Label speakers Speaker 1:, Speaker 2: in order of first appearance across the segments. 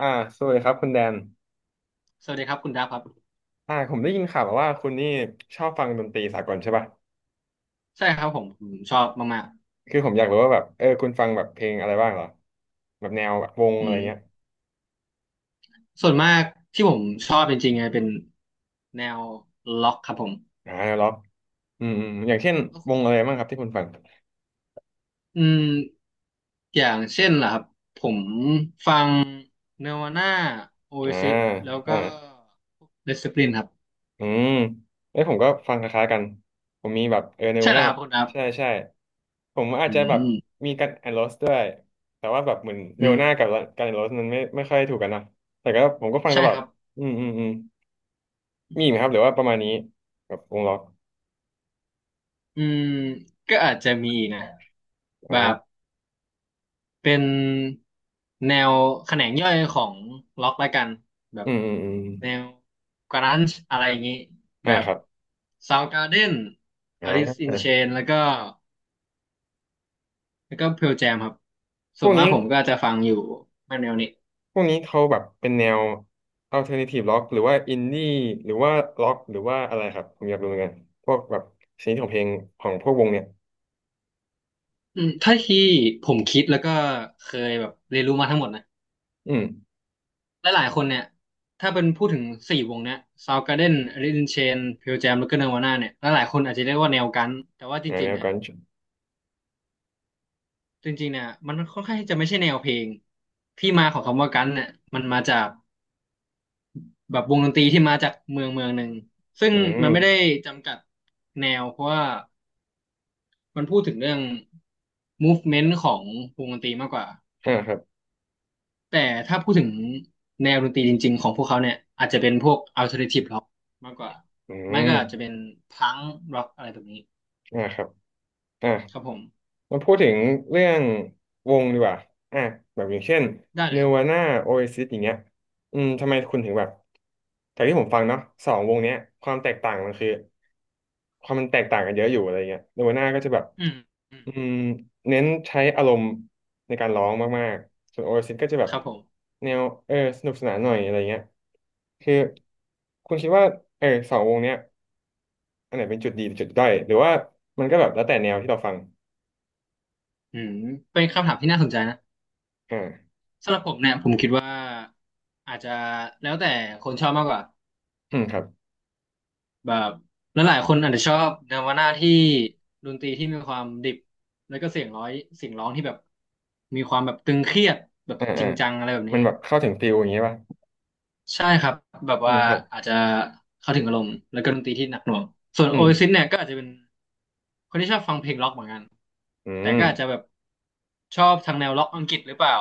Speaker 1: อ่าสวัสดีครับคุณแดน
Speaker 2: สวัสดีครับคุณดับครับ
Speaker 1: ผมได้ยินข่าวมาว่าคุณนี่ชอบฟังดนตรีสากลใช่ป่ะ
Speaker 2: ใช่ครับผมชอบมาก
Speaker 1: คือผมอยากรู้ว่าแบบคุณฟังแบบเพลงอะไรบ้างเหรอแบบแนวแบบวง
Speaker 2: ๆอื
Speaker 1: อะไร
Speaker 2: ม
Speaker 1: เงี้ย
Speaker 2: ส่วนมากที่ผมชอบจริงๆไงเป็นแนวล็อกครับผม
Speaker 1: แนวล็อกอืมอืมอย่างเช่นวงอะไรบ้างครับที่คุณฟัง
Speaker 2: อืมอย่างเช่นล่ะครับผมเนวาน่าโอเอ
Speaker 1: อ่า
Speaker 2: ซิสแล้ว
Speaker 1: อ่า
Speaker 2: ก็เดส p ิ l ลินครับ
Speaker 1: อืมเอ้ยผมก็ฟังคล้ายๆกันผมมีแบบเน
Speaker 2: ใช่
Speaker 1: วา
Speaker 2: แล้ว
Speaker 1: น่า
Speaker 2: ครับคุณดับ
Speaker 1: ใช่ใช่ผมอาจ
Speaker 2: อื
Speaker 1: จะ
Speaker 2: ม
Speaker 1: แบบ
Speaker 2: อืม
Speaker 1: มีกันแอนด์โรสด้วยแต่ว่าแบบเหมือนเน
Speaker 2: อื
Speaker 1: วา
Speaker 2: ม
Speaker 1: น่ากับกันแอนด์โรสมันไม่ค่อยถูกกันนะแต่ก็ผมก็ฟังต
Speaker 2: ใช่
Speaker 1: ลอ
Speaker 2: ค
Speaker 1: ด
Speaker 2: รับ
Speaker 1: อืมอืมอืม มีไหมครับหรือว่าประมาณนี้แบบวงล็อก
Speaker 2: อืมก็อาจจะมีนะแบ
Speaker 1: อ่า
Speaker 2: บ เป็นแนวแขนงย่อยของล็อกแล้วกันแบ
Speaker 1: อื
Speaker 2: บ
Speaker 1: มอืมอืม
Speaker 2: แนวกรันช์อะไรอย่างนี้
Speaker 1: อ่า
Speaker 2: แบบ
Speaker 1: ครับ
Speaker 2: Soundgarden
Speaker 1: อ
Speaker 2: Alice in
Speaker 1: ่า
Speaker 2: Chains แล้วก็ Pearl Jam ครับ
Speaker 1: พ
Speaker 2: ส่ว
Speaker 1: วก
Speaker 2: นมาก
Speaker 1: นี้
Speaker 2: ผมก็จะฟังอยู่มาแนวนี้
Speaker 1: พวกนี้เขาแบบเป็นแนว alternative rock หรือว่า indie หรือว่า rock หรือว่าอะไรครับผมอยากรู้เหมือนกันพวกแบบชนิดของเพลงของพวกวงเนี่ย
Speaker 2: อืมถ้าที่ผมคิดแล้วก็เคยแบบเรียนรู้มาทั้งหมดนะ
Speaker 1: อืม
Speaker 2: หลายๆคนเนี่ยถ้าเป็นพูดถึงสี่วงเนี้ย Soundgarden Alice in Chains Pearl Jam แล้วก็ Nirvana เนี่ยหลายๆคนอาจจะเรียกว่าแนวกันแต่ว่าจริ
Speaker 1: แน
Speaker 2: งๆ
Speaker 1: ว
Speaker 2: เนี่ย
Speaker 1: กัน
Speaker 2: จริงๆเนี่ยมันค่อนข้างที่จะไม่ใช่แนวเพลงที่มาของคำว่ากันเนี่ยมันมาจากแบบวงดนตรีที่มาจากเมืองเมืองหนึ่งซึ่ง
Speaker 1: อื
Speaker 2: มันไม่ได้
Speaker 1: ม
Speaker 2: จำกัดแนวเพราะว่ามันพูดถึงเรื่อง movement ของวงดนตรีมากกว่า
Speaker 1: อ่าครับ
Speaker 2: แต่ถ้าพูดถึงแนวดนตรีจริงๆของพวกเขาเนี่ยอาจจะเป็นพวก alternative rock มากกว่า
Speaker 1: อื
Speaker 2: ไม่
Speaker 1: ม
Speaker 2: ก็อาจจะเป็นพังร็อกอะไรแบบนี้
Speaker 1: อ่าครับอ่า
Speaker 2: ครับผม
Speaker 1: มาพูดถึงเรื่องวงดีกว่าอ่ะแบบอย่างเช่น
Speaker 2: ได้เล
Speaker 1: เน
Speaker 2: ยครับ
Speaker 1: วาน่าโอเอซิสอย่างเงี้ยอืมทำไมคุณถึงแบบจากที่ผมฟังเนาะสองวงเนี้ยความแตกต่างมันคือความมันแตกต่างกันเยอะอยู่อะไรเงี้ยเนวาน่าก็จะแบบ
Speaker 2: อืมอืม
Speaker 1: อืมเน้นใช้อารมณ์ในการร้องมากๆส่วนโอเอซิสก็จะแบ
Speaker 2: ค
Speaker 1: บ
Speaker 2: รับผม
Speaker 1: แนวสนุกสนานหน่อยอะไรเงี้ยคือคุณคิดว่าสองวงเนี้ยอันไหนเป็นจุดดีเป็นจุดด้อยหรือว่ามันก็แบบแล้วแต่แนวที่เราฟัง
Speaker 2: อืมเป็นคำถามที่น่าสนใจนะ
Speaker 1: อ่า
Speaker 2: สำหรับผมเนี่ยผมคิดว่าอาจจะแล้วแต่คนชอบมากกว่า
Speaker 1: อืมครับ
Speaker 2: แบบแลหลายๆคนอาจจะชอบแนวหน้าที่ดนตรีที่มีความดิบแล้วก็เสียงร้อยเสียงร้องที่แบบมีความแบบตึงเครียดแบบ
Speaker 1: อ่า
Speaker 2: จ
Speaker 1: อ่า
Speaker 2: ริงจังอะไรแบบ
Speaker 1: มั
Speaker 2: นี้
Speaker 1: นแบบเข้าถึงฟิลอย่างงี้ป่ะ
Speaker 2: ใช่ครับแบบ
Speaker 1: อื
Speaker 2: ว่า
Speaker 1: มครับ
Speaker 2: อาจจะเข้าถึงอารมณ์แล้วก็ดนตรีที่หนักหน่วงส่วน
Speaker 1: อื
Speaker 2: โอ
Speaker 1: ม
Speaker 2: เอซิสเนี่ยก็อาจจะเป็นคนที่ชอบฟังเพลงร็อกเหมือนกัน
Speaker 1: อื
Speaker 2: แต่
Speaker 1: ม
Speaker 2: ก็อาจจะแบบชอบทางแนวร็อกอังกฤษหรือเปล่า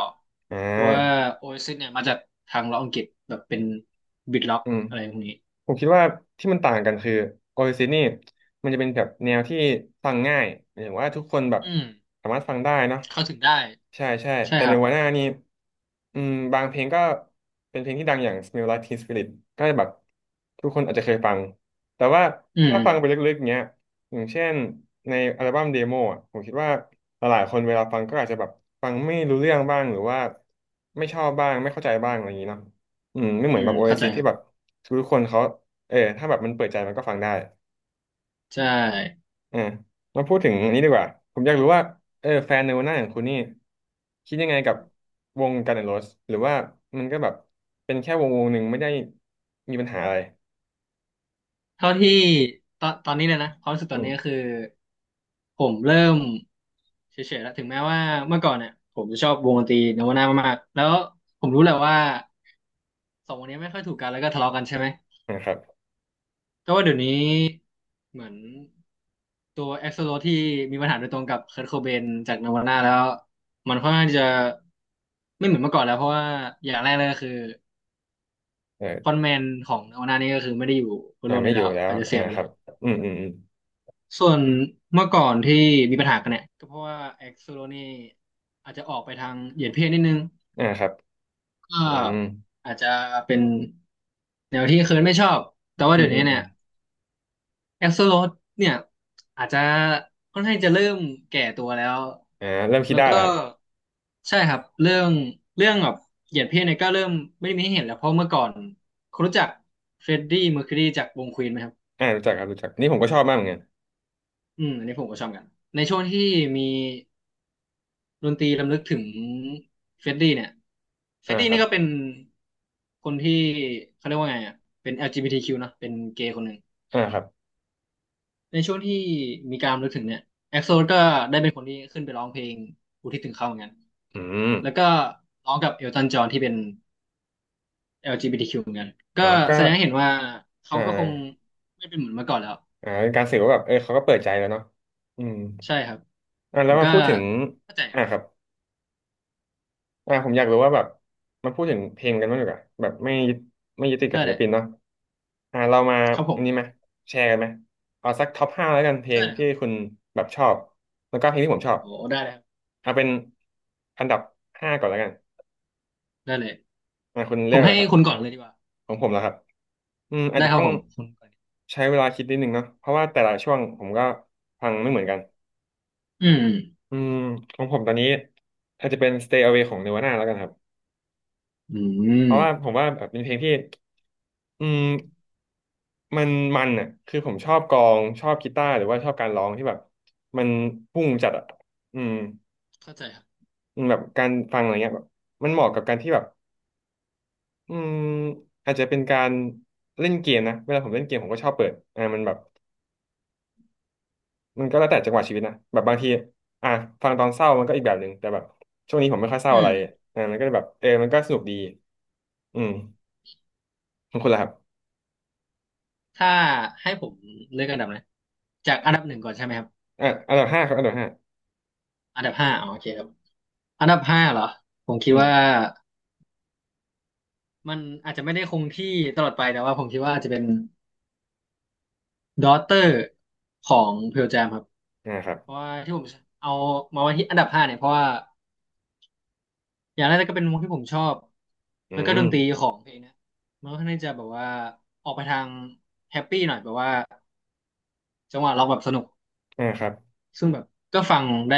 Speaker 1: อ่
Speaker 2: เพราะว่า
Speaker 1: า
Speaker 2: o อ s i s เอสเนี่ยมาจากทางล็อกอังกฤษแบบเป็นบิทล็อก
Speaker 1: อืม
Speaker 2: อะไรพวกนี้
Speaker 1: ผมคิดว่าที่มันต่างกันคือโอเอซิสนี่มันจะเป็นแบบแนวที่ฟังง่ายหมายถึงว่าทุกคนแบบ
Speaker 2: อืม
Speaker 1: สามารถฟังได้เนาะ
Speaker 2: เข้าถึงได้
Speaker 1: ใช่ใช่
Speaker 2: ใช่
Speaker 1: แต่
Speaker 2: ค
Speaker 1: ใน
Speaker 2: รับ
Speaker 1: วาน่านี่อืมบางเพลงก็เป็นเพลงที่ดังอย่าง Smell Like Teen Spirit ก็แบบทุกคนอาจจะเคยฟังแต่ว่า
Speaker 2: อืม
Speaker 1: ถ้า
Speaker 2: อืม
Speaker 1: ฟังไปลึกๆเงี้ยอย่างเช่นในอัลบั้มเดโมอะผมคิดว่าหลายๆคนเวลาฟังก็อาจจะแบบฟังไม่รู้เรื่องบ้างหรือว่าไม่ชอบบ้างไม่เข้าใจบ้างอะไรอย่างนี้เนาะอืมไม่
Speaker 2: อื
Speaker 1: เหมือนแบ
Speaker 2: ม
Speaker 1: บโอเอ
Speaker 2: เข้าใจ
Speaker 1: ซิส
Speaker 2: ค
Speaker 1: ที่
Speaker 2: รั
Speaker 1: แบบ
Speaker 2: บ
Speaker 1: ทุกคนเขาถ้าแบบมันเปิดใจมันก็ฟังได้
Speaker 2: ใช่
Speaker 1: อ่ามาพูดถึงอันนี้ดีกว่าผมอยากรู้ว่าแฟนในวันหน้าขอย่างคุณนี่คิดยังไงกับวงกัน n อนโร o s สหรือว่ามันก็แบบเป็นแค่วงหนึ่งไม่ได้มีปัญหาอะไร
Speaker 2: เท่าที่ตอนนี้เลยนะความรู้สึกต
Speaker 1: อื
Speaker 2: อน
Speaker 1: ม
Speaker 2: นี้ก็คือผมเริ่มเฉยๆแล้วถึงแม้ว่าเมื่อก่อนเนี่ยผมจะชอบวงดนตรีโนวาน่ามากๆแล้วผมรู้แหละว่าสองวงนี้ไม่ค่อยถูกกันแล้วก็ทะเลาะกันใช่ไหม
Speaker 1: นะครับ
Speaker 2: ก็ว่าเดี๋ยวนี้เหมือนตัวเอ็กโซโลที่มีปัญหาโดยตรงกับเคิร์ o โคเบนจากนาวาน่าแล้วมันค่อนข้างจะไม่เหมือนเมื่อก่อนแล้วเพราะว่าอย่างแรกเลยก็คือ
Speaker 1: เอ
Speaker 2: ฟอน
Speaker 1: อ
Speaker 2: ต์แมนของนาวาน่านี่ก็คือไม่ได้อยู่บนโลก
Speaker 1: ไม่
Speaker 2: นี้
Speaker 1: อ
Speaker 2: แล้
Speaker 1: ยู่
Speaker 2: ว
Speaker 1: แล้ว
Speaker 2: อาจจะเสียไป
Speaker 1: ครั
Speaker 2: แล้ว
Speaker 1: บอืมอืมอืม
Speaker 2: ส่วนเมื่อก่อนที่มีปัญหากันเนี่ยก็เพราะว่าเอ็กโซโลนี่อาจจะออกไปทางเหยียดเพศนิดนึง
Speaker 1: อ่าครับ
Speaker 2: ก็
Speaker 1: อืม
Speaker 2: อาจจะเป็นแนวที่เคิร์ดไม่ชอบแต่ว่า
Speaker 1: อื
Speaker 2: เดี๋
Speaker 1: ม
Speaker 2: ยว
Speaker 1: อื
Speaker 2: นี้
Speaker 1: มอื
Speaker 2: เนี่
Speaker 1: ม
Speaker 2: ย แอสโซโลดเนี่ยอาจจะค่อนข้างจะเริ่มแก่ตัวแล้ว
Speaker 1: เริ่มคิด
Speaker 2: แล้ว
Speaker 1: ได้
Speaker 2: ก็
Speaker 1: แล้วครับ
Speaker 2: ใช่ครับเรื่องเรื่องแบบเหยียดเพศเนี่ยก็เริ่มไม่มีให้เห็นแล้วเพราะเมื่อก่อนคุณรู้จักเฟรดดี้เมอร์คิวรีจากวงควีนไหมครับ
Speaker 1: รู้จักครับรู้จักนี่ผมก็ชอบมากเหมือนกัน
Speaker 2: อืมอันนี้ผมก็ชอบเหมือนกันในช่วงที่มีดนตรีรำลึกถึงเฟรดดี้เนี่ยเฟร
Speaker 1: อ่า
Speaker 2: ดดี้
Speaker 1: ครั
Speaker 2: นี่
Speaker 1: บ
Speaker 2: ก็เป็นคนที่เขาเรียกว่าไงอ่ะเป็น LGBTQ เนอะเป็นเกย์คนหนึ่ง
Speaker 1: อ่าครับ
Speaker 2: ในช่วงที่มีการรำลึกถึงเนี่ยเอ็กโซก็ได้เป็นคนที่ขึ้นไปร้องเพลงอุทิศถึงเขาเหมือนกัน
Speaker 1: อืม
Speaker 2: แล้วก็ร้องกับเอลตันจอห์นที่เป็น LGBTQ เหมือนกันก็
Speaker 1: อ๋อก็
Speaker 2: แสดงให้เห็นว่าเขา
Speaker 1: อ่
Speaker 2: ก็คง
Speaker 1: า
Speaker 2: ไม่เป็นเหมือนเมื่อก่อนแล้ว
Speaker 1: เป็นการสื่อว่าแบบเขาก็เปิดใจแล้วเนาะอืม
Speaker 2: ใช่ครับผ
Speaker 1: แล้ว
Speaker 2: ม
Speaker 1: มา
Speaker 2: ก็
Speaker 1: พูดถึง
Speaker 2: เข้าใจ
Speaker 1: อ่าครับผมอยากรู้ว่าแบบมาพูดถึงเพลงกันบ้างดีกว่าแบบไม่ยึดติดกับ
Speaker 2: ได้
Speaker 1: ศิ
Speaker 2: เล
Speaker 1: ล
Speaker 2: ย
Speaker 1: ปินเนาะเรามา
Speaker 2: ครับผ
Speaker 1: อั
Speaker 2: ม
Speaker 1: นนี้ไหมแชร์กันไหมเอาสักท็อปห้าแล้วกันเพล
Speaker 2: ได้
Speaker 1: ง
Speaker 2: เลยค
Speaker 1: ที่
Speaker 2: รับ
Speaker 1: คุณแบบชอบแล้วก็เพลงที่ผมชอบ
Speaker 2: โอ้ได้เลยครับ
Speaker 1: เอาเป็นอันดับห้าก่อนแล้วกัน
Speaker 2: ได้เลย
Speaker 1: คุณ
Speaker 2: ผ
Speaker 1: เลือ
Speaker 2: ม
Speaker 1: กอะ
Speaker 2: ให้
Speaker 1: ไรครับ
Speaker 2: คุณก่อนเลยดีกว่า
Speaker 1: ของผมแล้วครับอืมอาจ
Speaker 2: ได้
Speaker 1: จะ
Speaker 2: ครั
Speaker 1: ต้
Speaker 2: บ
Speaker 1: อง
Speaker 2: ผมคุณก่อน
Speaker 1: ใช้เวลาคิดนิดนึงเนาะเพราะว่าแต่ละช่วงผมก็ฟังไม่เหมือนกัน
Speaker 2: อืม
Speaker 1: อืมของผมตอนนี้อาจจะเป็น Stay Away ของ Nirvana แล้วกันครับ
Speaker 2: อื
Speaker 1: เพราะว่า
Speaker 2: ม
Speaker 1: ผมว่าแบบเป็นเพลงที่อืมมันมันอ่ะคือผมชอบกลองชอบกีตาร์หรือว่าชอบการร้องที่แบบมันพุ่งจัดอ่ะอืม
Speaker 2: เข้าใจครับ
Speaker 1: อืมแบบการฟังอะไรเงี้ยแบบมันเหมาะกับการที่แบบอืมอาจจะเป็นการเล่นเกมนะเวลาผมเล่นเกมผมก็ชอบเปิดมันแบบมันก็แล้วแต่จังหวะชีวิตนะแบบบางทีอ่ะฟังตอนเศร้ามันก็อีกแบบหนึ่งแต่แบบช่วงนี้ผมไม่ค่อยเศร้า
Speaker 2: อื
Speaker 1: อะไร
Speaker 2: ม
Speaker 1: มันก็เลยแบบมันก็สนุกดีอืมของคุณล่ะครับ
Speaker 2: ถ้าให้ผมเลือกอันดับนะจากอันดับหนึ่งก่อนใช่ไหมครับ
Speaker 1: อ่ะอันดับห้าครับอันดับห้า
Speaker 2: อันดับห้าอ๋อโอเคครับ อันดับห้าเหรอผมคิ
Speaker 1: อื
Speaker 2: ด
Speaker 1: ม
Speaker 2: ว่ามันอาจจะไม่ได้คงที่ตลอดไปแต่ว่าผมคิดว่าอาจจะเป็น d a u g h t e r ของเพล j จ m ครับ
Speaker 1: อ่าครับ
Speaker 2: เพราะว่าที่ผมเอามาไว้ที่อันดับห้าเนี่ยเพราะว่าอย่างแรกก็เป็นวงที่ผมชอบ
Speaker 1: อื
Speaker 2: แล้วก็ด
Speaker 1: ม
Speaker 2: นตรีของเพลงเนะมันก็ค่อนข้างจะแบบว่าออกไปทางแฮปปี้หน่อยแบบว่าจังหวะร้องแบบสนุก
Speaker 1: อ่าครับ
Speaker 2: ซึ่งแบบก็ฟังได้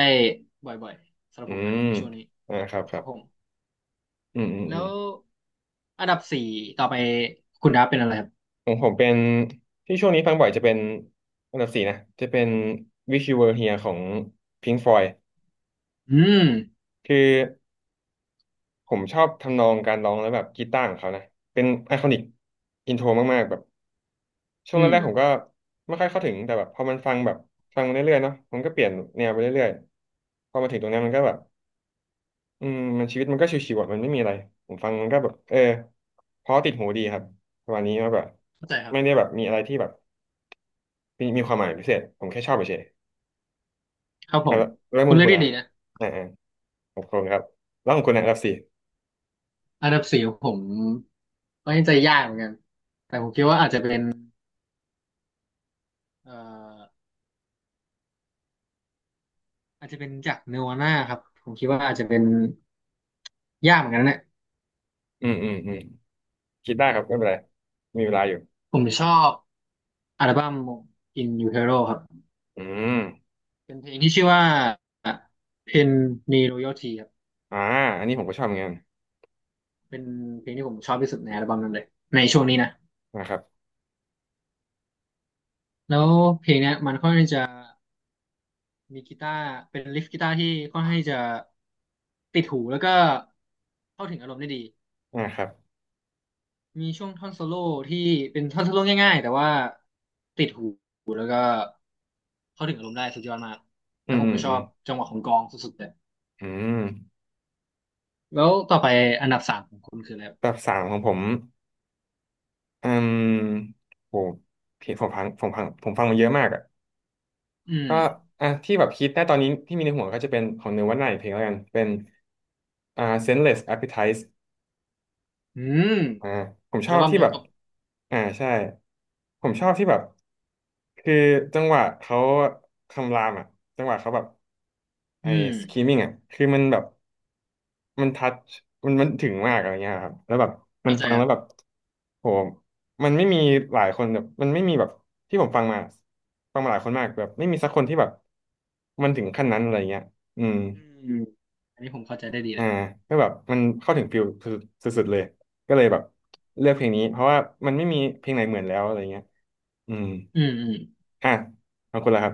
Speaker 2: บ่อยๆสำหรับ
Speaker 1: อื
Speaker 2: ผมนะ
Speaker 1: ม
Speaker 2: ในช่วงนี้
Speaker 1: อ่าครับค
Speaker 2: ค
Speaker 1: รั
Speaker 2: รับ
Speaker 1: บ
Speaker 2: ผม
Speaker 1: อืมอืมอื
Speaker 2: แล้
Speaker 1: ม
Speaker 2: วอันดับสี่ต่อไปคุณดับเป็นอะไรครับ
Speaker 1: ของผมเป็นที่ช่วงนี้ฟังบ่อยจะเป็นอันดับสี่นะจะเป็น Wish You Were Here ของ Pink Floyd
Speaker 2: อืม
Speaker 1: คือผมชอบทำนองการร้องแล้วแบบกีตาร์ของเขานะเป็นไอคอนิกอินโทรมากๆแบบช่วง
Speaker 2: อื
Speaker 1: แร
Speaker 2: ม
Speaker 1: กๆผมก็ไม่ค่อยเข้าถึงแต่แบบพอมันฟังแบบฟังมาเรื่อยๆเนาะมันก็เปลี่ยนแนวไปเรื่อยๆพอมาถึงตรงนี้มันก็แบบ อืมมันชีวิตมันก็ชิวๆอ่ะมันไม่มีอะไรผมฟังมันก็แบบเออเพราะติดหูดีครับประมาณนี้ว่าแบบ
Speaker 2: เข้าใจครับ
Speaker 1: ไม่ได้แบบมีอะไรที่แบบมีความหมายพิเศษผมแค่ชอบเฉย
Speaker 2: ครับ
Speaker 1: ๆ
Speaker 2: ผ
Speaker 1: แล้ว
Speaker 2: ม
Speaker 1: แล้ว
Speaker 2: คุ
Speaker 1: มุ
Speaker 2: ณ
Speaker 1: ม
Speaker 2: เลือ
Speaker 1: คุ
Speaker 2: ก
Speaker 1: ณ
Speaker 2: ที
Speaker 1: นะครั
Speaker 2: ดี
Speaker 1: บ
Speaker 2: นะ
Speaker 1: อ่าอ่าของคุณครับแล้วของคุณนะครับสี่
Speaker 2: อันดับสี่ของผมก็ยังใจยากเหมือนกันแต่ผมคิดว่าอาจจะเป็นเอ่ออาจจะเป็นจากเนวาน่าครับผมคิดว่าอาจจะเป็นยากเหมือนกันนะเนี่ย
Speaker 1: อืมอืมอืมคิดได้ครับไม่เป็นไรมีเวลาอยู่
Speaker 2: ผมชอบอัลบั้ม In Utero ครับ
Speaker 1: อืม
Speaker 2: เป็นเพลงที่ชื่อว่า Pen Ni Royalty ครับ
Speaker 1: อ่าอันนี้ผมก็ชอบเหมือนกัน
Speaker 2: เป็นเพลงที่ผมชอบที่สุดในอัลบั้มนั้นเลยในช่วงนี้นะ
Speaker 1: นะครับ
Speaker 2: แล้วเพลงเนี้ยมันค่อนข้างจะมีกีตาร์เป็นลิฟกีตาร์ที่ค่อนข้างจะติดหูแล้วก็เข้าถึงอารมณ์ได้ดี
Speaker 1: นะครับ
Speaker 2: มีช่วงท่อนโซโล่ที่เป็นท่อนโซโล่ง่ายๆแต่ว่าติดหูแล้วก็เข้าถึงอารมณ์ได้สุดยอดมาก
Speaker 1: อื
Speaker 2: แล้ว
Speaker 1: ม
Speaker 2: ผม
Speaker 1: อืม
Speaker 2: ก็ช
Speaker 1: อื
Speaker 2: อ
Speaker 1: ม
Speaker 2: บจังหวะของกลองสุดๆเลย
Speaker 1: อืม
Speaker 2: แล้วต่อไปอันดับสามของคุณคืออะไรครั
Speaker 1: แบ
Speaker 2: บ
Speaker 1: บสามของผมอืมโหผมฟังมาเยอะมากอ่ะ
Speaker 2: อืม
Speaker 1: ก็อ่ะที่แบบคิดได้ตอนนี้ที่มีในหัวก็จะเป็นของเนื้อวันไหนเพลงแล้วกันเป็นSenseless Appetite
Speaker 2: อืม
Speaker 1: อ่าผมช
Speaker 2: อั
Speaker 1: อ
Speaker 2: ล
Speaker 1: บ
Speaker 2: บั้ม
Speaker 1: ที่
Speaker 2: เดีย
Speaker 1: แบ
Speaker 2: ว
Speaker 1: บ
Speaker 2: กับ
Speaker 1: อ่าใช่ผมชอบที่แบบคือจังหวะเขาคำรามอ่ะจังหวะเขาแบบไอ้
Speaker 2: อืม
Speaker 1: screaming อ่ะคือมันแบบ มันทัชมันถึงมากอะไรเงี้ยครับแล้วแบบมัน
Speaker 2: เข้าใจ
Speaker 1: ฟัง
Speaker 2: ค
Speaker 1: แล้
Speaker 2: รั
Speaker 1: วแบบ
Speaker 2: บ
Speaker 1: โหมันไม่มีหลายคนแบบมันไม่มีแบบที่ผมฟังมาฟังมาหลายคนมากแบบไม่มีสักคนที่แบบมันถึงขั้นนั้นอะไรเงี้ยอืม
Speaker 2: อืมอันนี้ผมเข้าใจได้ดีเล
Speaker 1: อ่า
Speaker 2: ย
Speaker 1: ก็แบบมันเข้าถึงฟิลสุดสุดๆเลยก็เลยแบบเลือกเพลงนี้เพราะว่ามันไม่มีเพลงไหนเหมือนแล้วอะไรเงี้ยอืม
Speaker 2: อืมอืม
Speaker 1: อ่ะเอาคนละครับ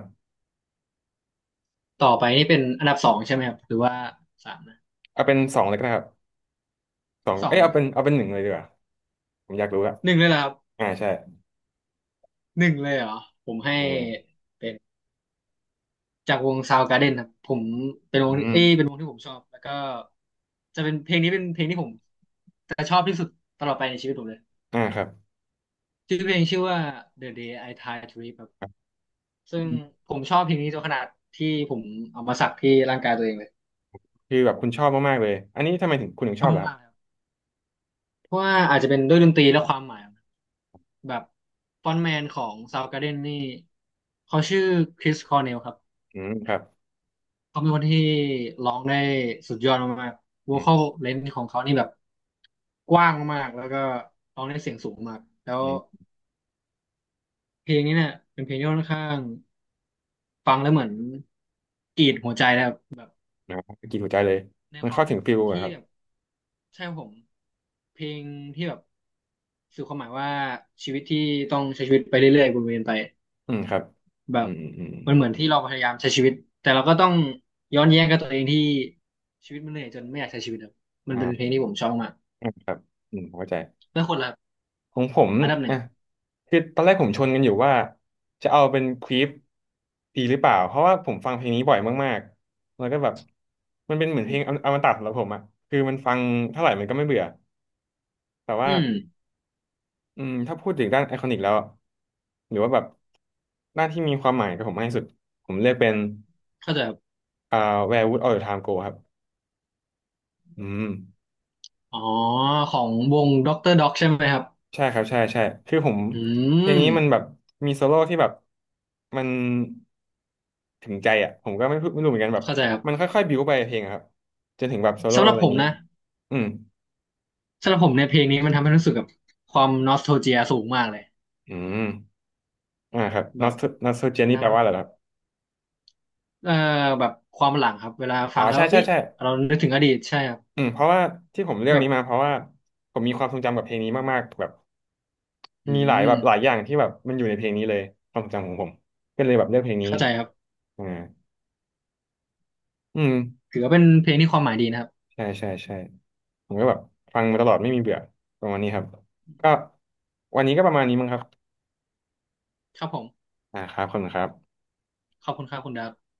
Speaker 2: ต่อไปนี่เป็นอันดับสองใช่ไหมครับหรือว่าสามนะ
Speaker 1: เอาเป็นสองเลยก็ได้ครับสอง
Speaker 2: สอ
Speaker 1: เอ้
Speaker 2: ง
Speaker 1: ย
Speaker 2: เลย
Speaker 1: เอา
Speaker 2: เหรอ
Speaker 1: เป็
Speaker 2: ค
Speaker 1: น
Speaker 2: รับ
Speaker 1: เอาเป็นหนึ่งเลยดีกว่าผมอยากรู้อะ
Speaker 2: หนึ่งเลยเหรอครับ
Speaker 1: อ่าใช่
Speaker 2: หนึ่งเลยเหรอผมให้
Speaker 1: หนึ่งเลย
Speaker 2: เป็น จากวง Soundgarden ครับผมเป็นว
Speaker 1: อื
Speaker 2: งที่
Speaker 1: ม
Speaker 2: เอ้ยเป็นวงที่ผมชอบแล้วก็จะเป็นเพลงนี้เป็นเพลงที่ผมจะชอบที่สุดตลอดไปในชีวิตผมเลย
Speaker 1: อ่าครับ
Speaker 2: ชื่อเพลงชื่อว่า The Day I Try to Live ครับซึ่งผมชอบเพลงนี้จนขนาดที่ผมเอามาสักที่ร่างกายตัวเองเลย
Speaker 1: คือแบบคุณชอบมากๆเลยอันนี้ทำไมถึงคุณถึง
Speaker 2: ช
Speaker 1: ชอ
Speaker 2: อ
Speaker 1: บลหร
Speaker 2: บ
Speaker 1: ครับ
Speaker 2: มากๆเลยครับเพราะว่าอาจจะเป็นด้วยดนตรีและความหมายของมันแบบฟรอนต์แมนของ Soundgarden นี่เขาชื่อคริสคอร์เนลครับ
Speaker 1: อืมครับ
Speaker 2: เขาเป็นคนที่ร้องได้สุดยอดมากๆ
Speaker 1: อื
Speaker 2: vocal
Speaker 1: ม
Speaker 2: range ของเขานี่แบบ กว้างมากๆแล้วก็ร้องได้เสียงสูงมากแล้ว
Speaker 1: อืม
Speaker 2: เพลงนี้เนี่ยเป็นเพลงที่ค่อนข้างฟังแล้วเหมือนกรีดหัวใจนะครับ
Speaker 1: นะครับกินหัวใจเลย
Speaker 2: ใน
Speaker 1: มัน
Speaker 2: ความ
Speaker 1: เข้า
Speaker 2: ห
Speaker 1: ถึ
Speaker 2: มา
Speaker 1: ง
Speaker 2: ย
Speaker 1: ฟิลอะ
Speaker 2: ที่
Speaker 1: ครับ
Speaker 2: แบบใช่ครับผมเพลงที่แบบสื่อความหมายว่าชีวิตที่ต้องใช้ชีวิตไปเรื่อยๆวนเวียนไป
Speaker 1: อืมครับ
Speaker 2: แบ
Speaker 1: อื
Speaker 2: บ
Speaker 1: มอืมอืม
Speaker 2: มันเหมือนที่เราพยายามใช้ชีวิตแต่เราก็ต้องย้อนแย้งกับตัวเองที่ชีวิตมันเหนื่อยจนไม่อยากใช้ชีวิตครับมันเป็นเพลง
Speaker 1: อ่า
Speaker 2: ที่ผมชอบมาก
Speaker 1: อ่าครับอืมเข้าใจ
Speaker 2: แล้วคนละ
Speaker 1: ของผม
Speaker 2: อันดับหนึ่
Speaker 1: อ่ะ
Speaker 2: ง
Speaker 1: คือตอนแรกผมชนกันอยู่ว่าจะเอาเป็นควีฟดีหรือเปล่า เพราะว่าผมฟังเพลงนี้บ่อยมากๆแล้วก็แบบมันเป็นเหมือนเพลงอมตะสำหรับผมอะคือมันฟังเท่าไหร่มันก็ไม่เบื่อแต่
Speaker 2: อื
Speaker 1: ว่า
Speaker 2: ม
Speaker 1: อืมถ้าพูดถึงด้านไอคอนิกแล้วอะหรือว่าแบบด้านที่มีความหมายกับผมมากที่สุดผมเลือกเป็น
Speaker 2: เข้าใจ
Speaker 1: อ่า Where Would All the Time Go ครับอืม
Speaker 2: อ๋อของวงด็อกเตอร์ด็อกใช่ไหมครับ
Speaker 1: ใช่ครับใช่ใช่คือผม
Speaker 2: อื
Speaker 1: เพลง
Speaker 2: ม
Speaker 1: นี้มันแบบมีโซโล่ที่แบบมันถึงใจอ่ะผมก็ไม่พูดไม่รู้เหมือนกันแบบ
Speaker 2: เข้าใจครั
Speaker 1: มัน
Speaker 2: บ
Speaker 1: ค่อยๆบิวไปเพลงอะครับจนถึงแบบโซโล่
Speaker 2: สำหรั
Speaker 1: อะ
Speaker 2: บ
Speaker 1: ไรอ
Speaker 2: ผ
Speaker 1: ย่าง
Speaker 2: ม
Speaker 1: นี้
Speaker 2: นะ
Speaker 1: อืม
Speaker 2: สำหรับผมในยเพลงนี้มันทำให้รู้สึกกับความนอสโทเจียสูงมากเลย
Speaker 1: อืมอ่าครับ
Speaker 2: แบ
Speaker 1: Not
Speaker 2: บ
Speaker 1: Not So
Speaker 2: มัน
Speaker 1: Jenny
Speaker 2: ท
Speaker 1: แปลว่าอะไรเหรอครับ
Speaker 2: ำแบบความหลังครับเวลา
Speaker 1: อ๋
Speaker 2: ฟั
Speaker 1: อ
Speaker 2: งแล้
Speaker 1: ใช่
Speaker 2: ว
Speaker 1: ใช่
Speaker 2: เอ้ย
Speaker 1: ใช่
Speaker 2: เรานึกถึงอดีตใช่ครับ
Speaker 1: อืมเพราะว่าที่ผมเลือก
Speaker 2: แบบ
Speaker 1: นี้มาเพราะว่าผมมีความทรงจำกับเพลงนี้มากๆแบบ
Speaker 2: อื
Speaker 1: มีหลายแบ
Speaker 2: ม
Speaker 1: บหลายอย่างที่แบบมันอยู่ในเพลงนี้เลยความทรงจำของผมก็เลยแบบเลือกเพลงนี้
Speaker 2: เข้าใจครับ
Speaker 1: อ่าอืม
Speaker 2: ถือว่าเป็นเพลงที่ความหมายดีนะครับ
Speaker 1: ใช่ใช่ใช่ผมก็แบบฟังมาตลอดไม่มีเบื่อประมาณนี้ครับก็วันนี้ก็ประมาณนี้มั้งครับ
Speaker 2: ครับผม
Speaker 1: อ่าครับขอบคุณครับ
Speaker 2: ขอบคุณครับคุณดับ